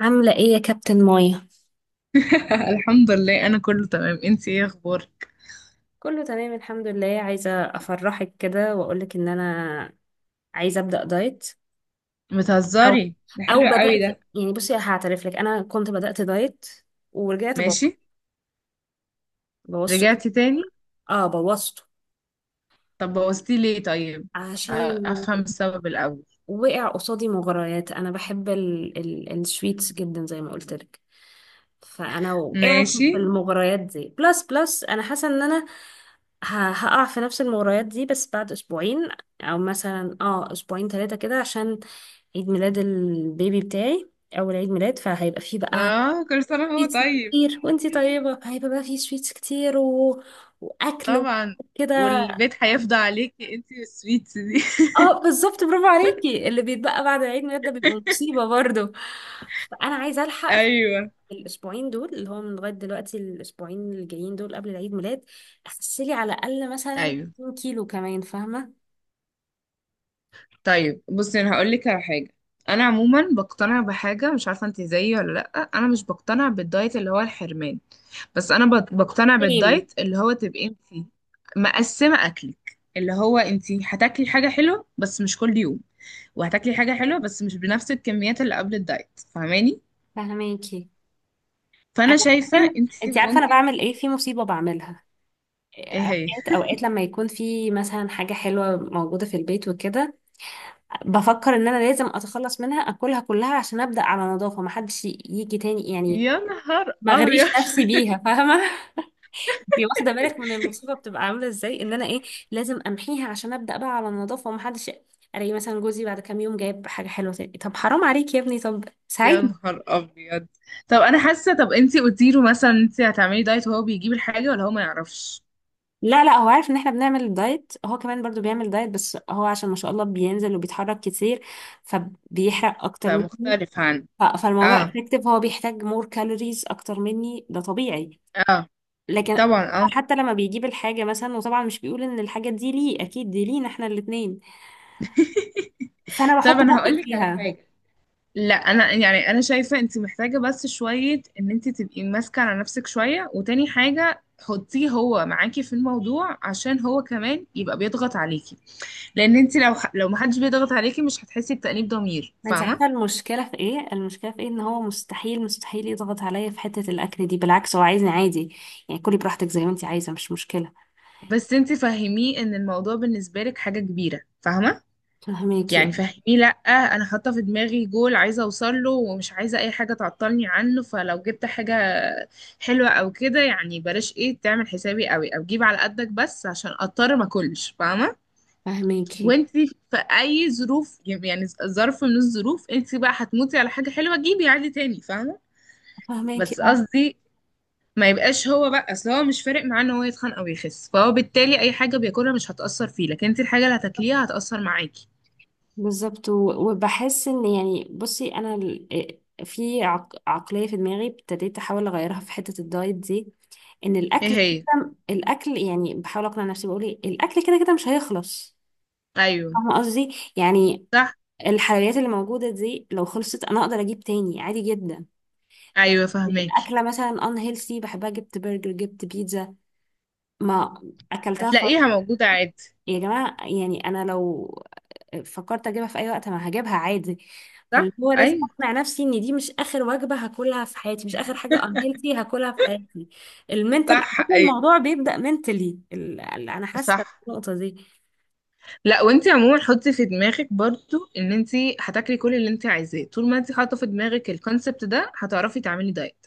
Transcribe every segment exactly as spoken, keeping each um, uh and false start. عاملة ايه يا كابتن مايا؟ الحمد لله، انا كله تمام. انتي ايه اخبارك؟ كله تمام الحمد لله، عايزة افرحك كده واقولك ان انا عايزة ابدأ دايت. او بتهزري؟ ده او حلو قوي بدأت. ده. يعني بصي، هعترف لك انا كنت بدأت دايت ورجعت بو- ماشي. بوظته. رجعتي تاني؟ اه، بوظته. طب بوظتي ليه طيب؟ أ- عشان افهم السبب الاول. وقع قصادي مغريات، انا بحب ال ال السويتس جدا زي ما قلت لك. فانا وقعت في ماشي. المغريات دي. بلس بلس انا حاسه ان انا ه- هقع في نفس المغريات دي، بس بعد اسبوعين، او مثلا اه اسبوعين ثلاثه كده، عشان عيد ميلاد البيبي بتاعي. اول عيد ميلاد، فهيبقى فيه بقى اه، كل سنه هو سويتس طيب. كتير. وانتي طيبه، هيبقى بقى فيه سويتس كتير و... واكل طبعا. وكده. والبيت هيفضى عليكي انتي والسويتس دي. اه، بالظبط. برافو عليكي. اللي بيتبقى بعد العيد ميلاد ده بيبقى مصيبه برضه. فانا عايزه الحق ايوه. الاسبوعين دول، اللي هو من لغايه دلوقتي الاسبوعين اللي جايين دول قبل العيد ميلاد، اخسلي على الاقل مثلا ايوه، اتنين كيلو كمان. فاهمه؟ طيب، بصي انا هقول لك على حاجه. انا عموما بقتنع بحاجه، مش عارفه انت زيي ولا لا. انا مش بقتنع بالدايت اللي هو الحرمان، بس انا بق- بقتنع سيم. بالدايت اللي هو تبقي انت مقسمه اكلك، اللي هو انت هتاكلي حاجه حلوه بس مش كل يوم، وهتاكلي حاجه حلوه بس مش بنفس الكميات اللي قبل الدايت، فاهماني؟ فاهماكي انا فانا شايفه ممكن. انت انت عارفه انا ممكن. بعمل ايه في مصيبه بعملها؟ ايه هي؟ اوقات اوقات لما يكون في مثلا حاجه حلوه موجوده في البيت وكده، بفكر ان انا لازم اتخلص منها، اكلها كلها عشان ابدا على نظافه، ما حدش يجي تاني يعني، يا نهار ما ابيض. اغريش نفسي بيها. فاهمه؟ انتي واخده بالك من المصيبه، بتبقى عامله ازاي؟ ان انا ايه؟ لازم امحيها عشان ابدا بقى على النظافه ومحدش. الاقي مثلا جوزي بعد كام يوم جايب حاجه حلوه تاني، طب حرام عليك يا ابني، طب يا ساعدني. نهار ابيض. طب انا حاسه. طب انت قلتي له مثلا انت هتعملي دايت وهو بيجيب الحاجه، ولا هو ما يعرفش؟ لا لا، هو عارف ان احنا بنعمل دايت. هو كمان برضو بيعمل دايت، بس هو عشان ما شاء الله بينزل وبيتحرك كتير، فبيحرق اكتر مني. فمختلف عن. ف- فالموضوع اه. افكتيف، هو بيحتاج مور كالوريز اكتر مني، ده طبيعي. اه. لكن طبعا، هو اه. حتى لما بيجيب الحاجه مثلا، وطبعا مش بيقول ان الحاجه دي ليه، اكيد دي لينا احنا الاتنين. فانا طب بحط انا بقي هقول لك على فيها. حاجه. لا، انا يعني انا شايفه انت محتاجه بس شويه، ان انت تبقي ماسكه على نفسك شويه، وتاني حاجه حطيه هو معاكي في الموضوع عشان هو كمان يبقى بيضغط عليكي. لان انت لو لو محدش بيضغط عليكي، مش هتحسي بتأنيب ضمير، ما انت فاهمه؟ عارفه المشكله في ايه، المشكله في ايه ان هو مستحيل مستحيل يضغط عليا في حته الاكل دي. بالعكس، هو عايزني عادي. يعني كلي براحتك زي ما انت عايزه، مش مشكله. بس انت فهميه ان الموضوع بالنسبه لك حاجه كبيره، فاهمه؟ فهماكي. يعني فهميه. لا، انا حاطه في دماغي جول عايزه اوصل له ومش عايزه اي حاجه تعطلني عنه. فلو جبت حاجه حلوة او كده يعني بلاش، ايه تعمل حسابي قوي او جيب على قدك، بس عشان اضطر ما اكلش، فاهمة؟ فهماكي. وانت في اي ظروف، يعني ظرف من الظروف انت بقى هتموتي على حاجة حلوة جيبي عادي تاني، فاهمة؟ فهماكي. بس اه، قصدي ما يبقاش هو بقى. اصل هو مش فارق معاه ان هو يتخن او يخس، فهو بالتالي اي حاجة بياكلها مش هتأثر فيه، لكن انت الحاجة اللي هتاكليها هتأثر معاكي. بالظبط. و- وبحس ان، يعني بصي انا ال- آه، في عق- عقليه في دماغي ابتديت احاول اغيرها في حته الدايت دي. ان ايه الاكل هي؟ كده الاكل، يعني بحاول اقنع نفسي، بقول ايه، الاكل كده كده مش هيخلص. ايوه. فاهمه قصدي يعني؟ صح، الحلويات اللي موجوده دي لو خلصت، انا اقدر اجيب تاني عادي جدا. ايوه، فهماكي. اكله مثلا ان هيلثي بحبها، جبت برجر جبت بيتزا، ما اكلتها هتلاقيها خلاص. موجودة عادي. يا جماعه يعني، انا لو فكرت اجيبها في اي وقت ما هجيبها عادي. فاللي صح، هو لازم ايوه. اقنع نفسي ان دي مش اخر وجبه هاكلها في حياتي، مش اخر حاجه ان هيلثي هاكلها في حياتي. المنتل. صح، ايوه. الموضوع بيبدا منتلي. انا حاسه صح. النقطه دي. لا، وانت عموما حطي في دماغك برضو ان انت هتاكلي كل اللي انت عايزاه، طول ما انت حاطه في دماغك الكونسبت ده هتعرفي تعملي دايت.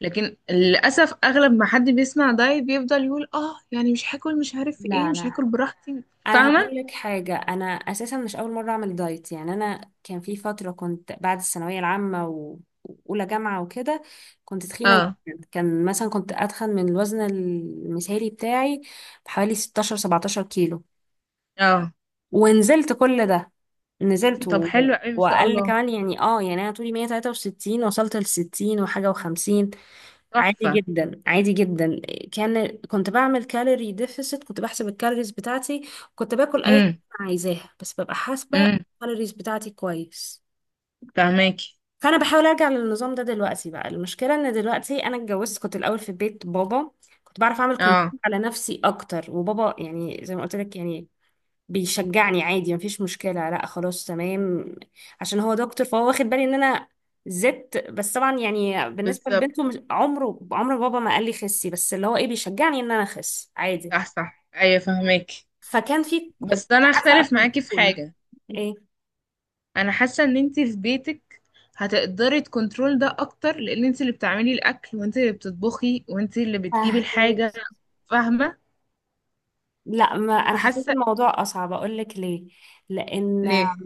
لكن للاسف اغلب ما حد بيسمع دايت بيفضل يقول اه يعني مش هاكل مش عارف ايه، لا مش لا، هاكل براحتي. انا هقول فاهمه. لك حاجه. انا اساسا مش اول مره اعمل دايت، يعني انا كان في فتره كنت بعد الثانويه العامه و- واولى جامعه وكده، كنت تخينه اه. جدا. كان مثلا كنت اتخن من الوزن المثالي بتاعي بحوالي ستاشر سبعتاشر كيلو. اه. ونزلت كل ده. نزلت طب و... حلو قوي ما شاء واقل الله. كمان يعني. اه يعني انا طولي مية وتلاتة وستين، وصلت ل ستين وحاجه وخمسين. عادي تحفه. جدا عادي جدا. كان كنت بعمل كالوري ديفيسيت، كنت بحسب الكالوريز بتاعتي. كنت باكل اي حاجه امم. أنا عايزاها، بس ببقى حاسبه امم. الكالوريز بتاعتي كويس. فاهماكي. فانا بحاول ارجع للنظام ده. دلوقتي بقى المشكله ان دلوقتي انا اتجوزت. كنت الاول في بيت بابا، كنت بعرف اعمل اه، كنترول على نفسي اكتر. وبابا يعني زي ما قلت لك يعني بيشجعني عادي، مفيش مشكلة، لا خلاص تمام. عشان هو دكتور، فهو واخد بالي ان انا زدت. بس طبعا يعني بالنسبة بالظبط. لبنته، مش- عمره عمر بابا ما قال لي خسي، بس اللي هو ايه، بيشجعني ان انا اخس عادي. صح، صح، ايوه، فاهماكي. فكان في ك- بس انا عارفة اختلف معاكي في كنترول. حاجه. ايه؟ انا حاسه ان انت في بيتك هتقدري تكنترول ده اكتر، لان انت اللي بتعملي الاكل وانت اللي بتطبخي وانت اللي بتجيبي فاهمك. الحاجه. فاهمه. لا، ما انا حسيت فحاسه. الموضوع اصعب. اقول لك ليه؟ لان ليه؟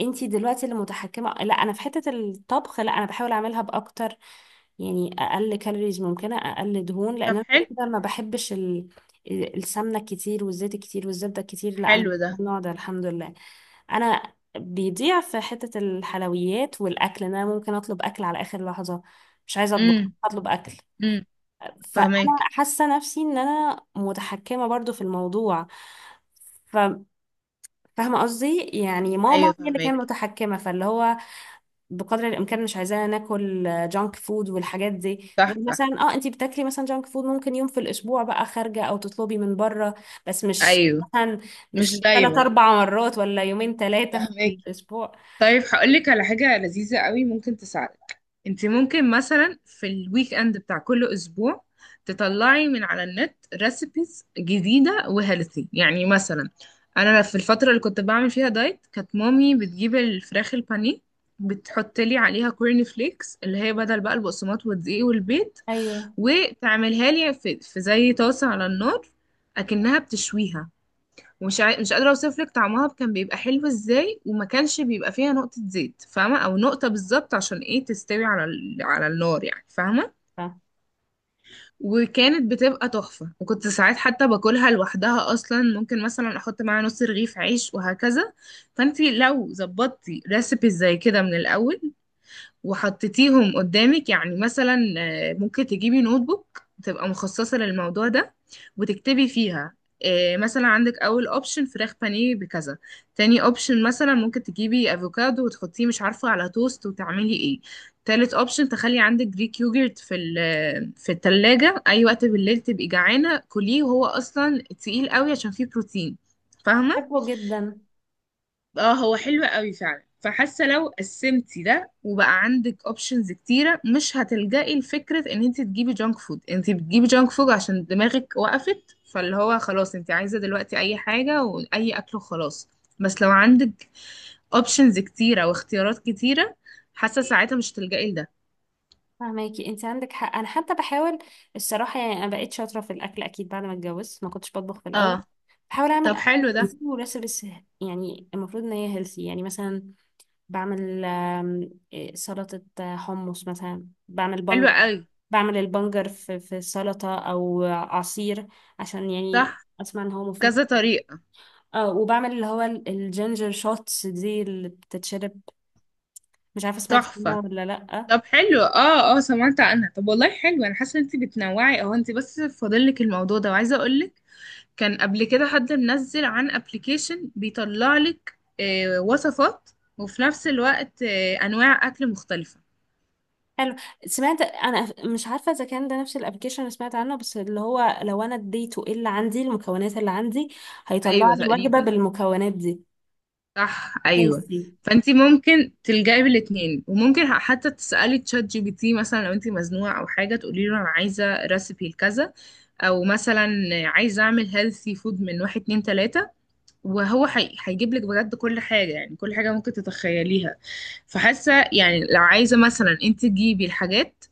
انتي دلوقتي اللي متحكمة، لا انا. في حتة الطبخ لا، انا بحاول اعملها باكتر يعني، اقل كالوريز ممكنه، اقل دهون، لان طب انا كده حلو. كده ما بحبش ال... السمنه كتير والزيت كتير والزبده كتير. لا، انا مش حلو ده. من النوع ده الحمد لله. انا بيضيع في حته الحلويات والاكل، ان انا ممكن اطلب اكل على اخر لحظه، مش عايزه اطبخ، امم. اطلب اكل. امم. فانا فاهماكي. حاسه نفسي ان انا متحكمه برضو في الموضوع. ف- فاهمه قصدي يعني؟ ماما ايوه، هي اللي كانت فاهماكي. متحكمه، فاللي هو بقدر الامكان مش عايزانا ناكل جانك فود والحاجات دي. صح، غير مثلا صح، اه انتي بتاكلي مثلا جانك فود ممكن يوم في الاسبوع، بقى خارجه او تطلبي من بره. بس مش ايوه. مثلا، مش مش ثلاث دايما. اربع مرات ولا يومين ثلاثه في فاهماكي. الاسبوع. طيب هقولك على حاجة لذيذة قوي ممكن تساعدك. انت ممكن مثلا في الويك اند بتاع كل اسبوع تطلعي من على النت ريسيبيز جديدة وهيلثي يعني. مثلا انا في الفترة اللي كنت بعمل فيها دايت كانت مامي بتجيب الفراخ البانيه، بتحط لي عليها كورن فليكس، اللي هي بدل بقى البقسماط والدقيق والبيض، ايوه. وتعملها لي في, في زي طاسة على النار، اكنها بتشويها. ومش عا... مش قادرة اوصف لك طعمها كان بيبقى حلو ازاي، وما كانش بيبقى فيها نقطة زيت، فاهمة؟ او نقطة بالظبط عشان ايه تستوي على ال... على النار يعني، فاهمة؟ ف- وكانت بتبقى تحفة، وكنت ساعات حتى باكلها لوحدها اصلا، ممكن مثلا احط معاها نص رغيف عيش وهكذا. فانتي لو ظبطتي ريسيبي زي كده من الاول وحطيتيهم قدامك يعني، مثلا آه، ممكن تجيبي نوت بوك تبقى مخصصة للموضوع ده وتكتبي فيها. آه، مثلا عندك اول اوبشن فراخ بانيه بكذا. تاني اوبشن مثلا ممكن تجيبي افوكادو وتحطيه مش عارفة على توست وتعملي ايه. تالت اوبشن تخلي عندك جريك يوجرت في ال- في التلاجة اي وقت بالليل تبقي جعانة كليه، وهو اصلا تقيل قوي عشان فيه بروتين، فاهمة. بحبه جدا. اه، هو حلو قوي فعلا. فحاسه لو قسمتي ده وبقى عندك اوبشنز كتيره مش هتلجئي لفكره ان انت تجيبي جانك فود. انت بتجيبي جانك فود عشان دماغك وقفت، فاللي هو خلاص انت عايزه دلوقتي اي حاجه واي اكل وخلاص. بس لو عندك اوبشنز كتيره واختيارات كتيره، حاسه ساعتها مش تلجئي لده. فهماكي. انت عندك حق. انا حتى بحاول. الصراحه يعني انا بقيت شاطره في الاكل اكيد بعد ما اتجوزت، ما كنتش بطبخ في اه. الاول. بحاول اعمل طب اكل حلو ده. بس وريسبس يعني المفروض ان هي هيلثي. يعني مثلا بعمل آم، إيه، سلطة آه، حمص، مثلا بعمل حلو بنجر. قوي. بعمل البنجر في في سلطة أو عصير، عشان يعني صح. أسمع إن هو مفيد. كذا طريقه. اه، وبعمل اللي هو ال- الجينجر شوتس دي اللي بتتشرب. مش عارفة سمعتي تحفه. عنها ولا لأ؟ طب حلو. اه، اه، سمعت عنها. طب والله حلو، انا حاسه ان انت بتنوعي اهو، انت بس فاضلك الموضوع ده. وعايزه اقولك، كان قبل كده حد منزل عن ابلكيشن بيطلع لك آه وصفات، وفي نفس الوقت آه انواع اكل مختلفه. حلو. سمعت أنا. مش عارفة إذا كان ده نفس الأبلكيشن اللي سمعت عنه، بس اللي هو لو أنا اديته إيه اللي عندي، المكونات اللي عندي هيطلع ايوه لي وجبة تقريبا. بالمكونات دي صح، ايوه. هيلثي. فانت ممكن تلجئي بالاتنين، وممكن حتى تسالي تشات جي بي تي مثلا لو انت مزنوقه او حاجه، تقولي له انا عايزه ريسيبي لكذا، او مثلا عايزه اعمل هيلثي فود من واحد اتنين تلاته، وهو حي... هيجيب لك بجد كل حاجة، يعني كل حاجة ممكن تتخيليها. فحاسة يعني لو عايزة مثلا انت تجيبي الحاجات،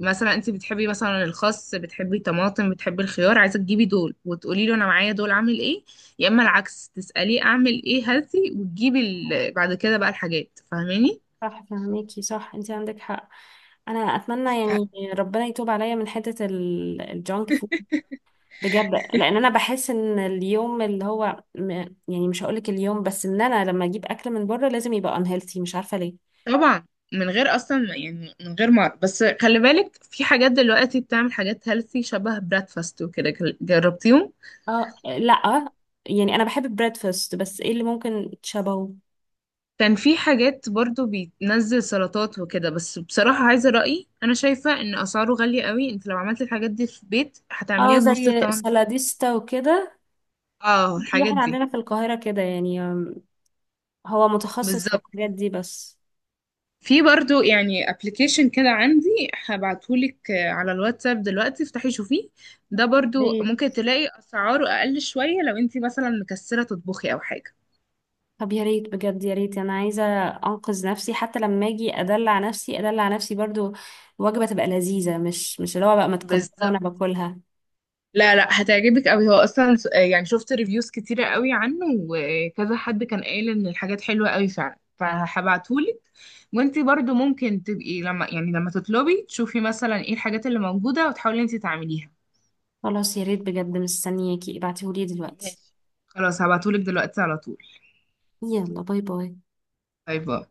مثلا انت بتحبي مثلا الخس، بتحبي الطماطم، بتحبي الخيار، عايزة تجيبي دول وتقولي له انا معايا دول عامل ايه. يا اما العكس تسأليه اعمل ايه هاتي، وتجيبي ال... بعد كده بقى الحاجات، فاهماني؟ صح فهميكي. صح، انت عندك حق. انا اتمنى ف- يعني ربنا يتوب عليا من حته ال- الجانك فود بجد. لان انا بحس ان اليوم اللي هو م- يعني مش هقولك اليوم بس، ان انا لما اجيب اكل من بره لازم يبقى unhealthy، مش عارفه ليه. طبعا. من غير اصلا يعني، من غير ما، بس خلي بالك في حاجات دلوقتي بتعمل حاجات هيلثي شبه بريكفاست وكده، جربتيهم؟ اه، لا. يعني انا بحب البريدفاست، بس ايه اللي ممكن تشبهه؟ كان في حاجات برضو بينزل سلطات وكده، بس بصراحة عايزة رأيي، أنا شايفة إن أسعاره غالية قوي. أنت لو عملت الحاجات دي في البيت اه، هتعمليها بنص زي الثمن بالظبط. سلاديستا وكده. اه، في الحاجات واحد دي. عندنا في القاهره كده، يعني آم، هو متخصص في بالظبط. الحاجات دي بس. في برضو يعني ابلكيشن كده عندي، هبعتهولك آه، على الواتساب دلوقتي، افتحي شوفيه. ده برضو ليه؟ ممكن تلاقي أسعاره أقل شوية لو أنت مثلا مكسلة تطبخي أو حاجة. طب يا ريت بجد يا ريت، انا عايزه انقذ نفسي، حتى لما اجي ادلع نفسي ادلع نفسي برضو وجبه تبقى لذيذه، مش مش اللي هو بقى متقدره وانا بالظبط. باكلها. لا، لا، هتعجبك قوي. هو اصلا س- يعني شفت ريفيوز كتيرة قوي عنه، وكذا حد كان قايل ان الحاجات حلوة قوي فعلا، فهبعتهولك. وانتي برضو ممكن تبقي لما يعني لما تطلبي تشوفي مثلا ايه الحاجات اللي موجودة وتحاولي انتي تعمليها. خلاص، يا ريت بجد، مستنياكي ابعتيهولي دلوقتي. ماشي. خلاص هبعتهولك دلوقتي على طول. يلا، باي باي. باي باي.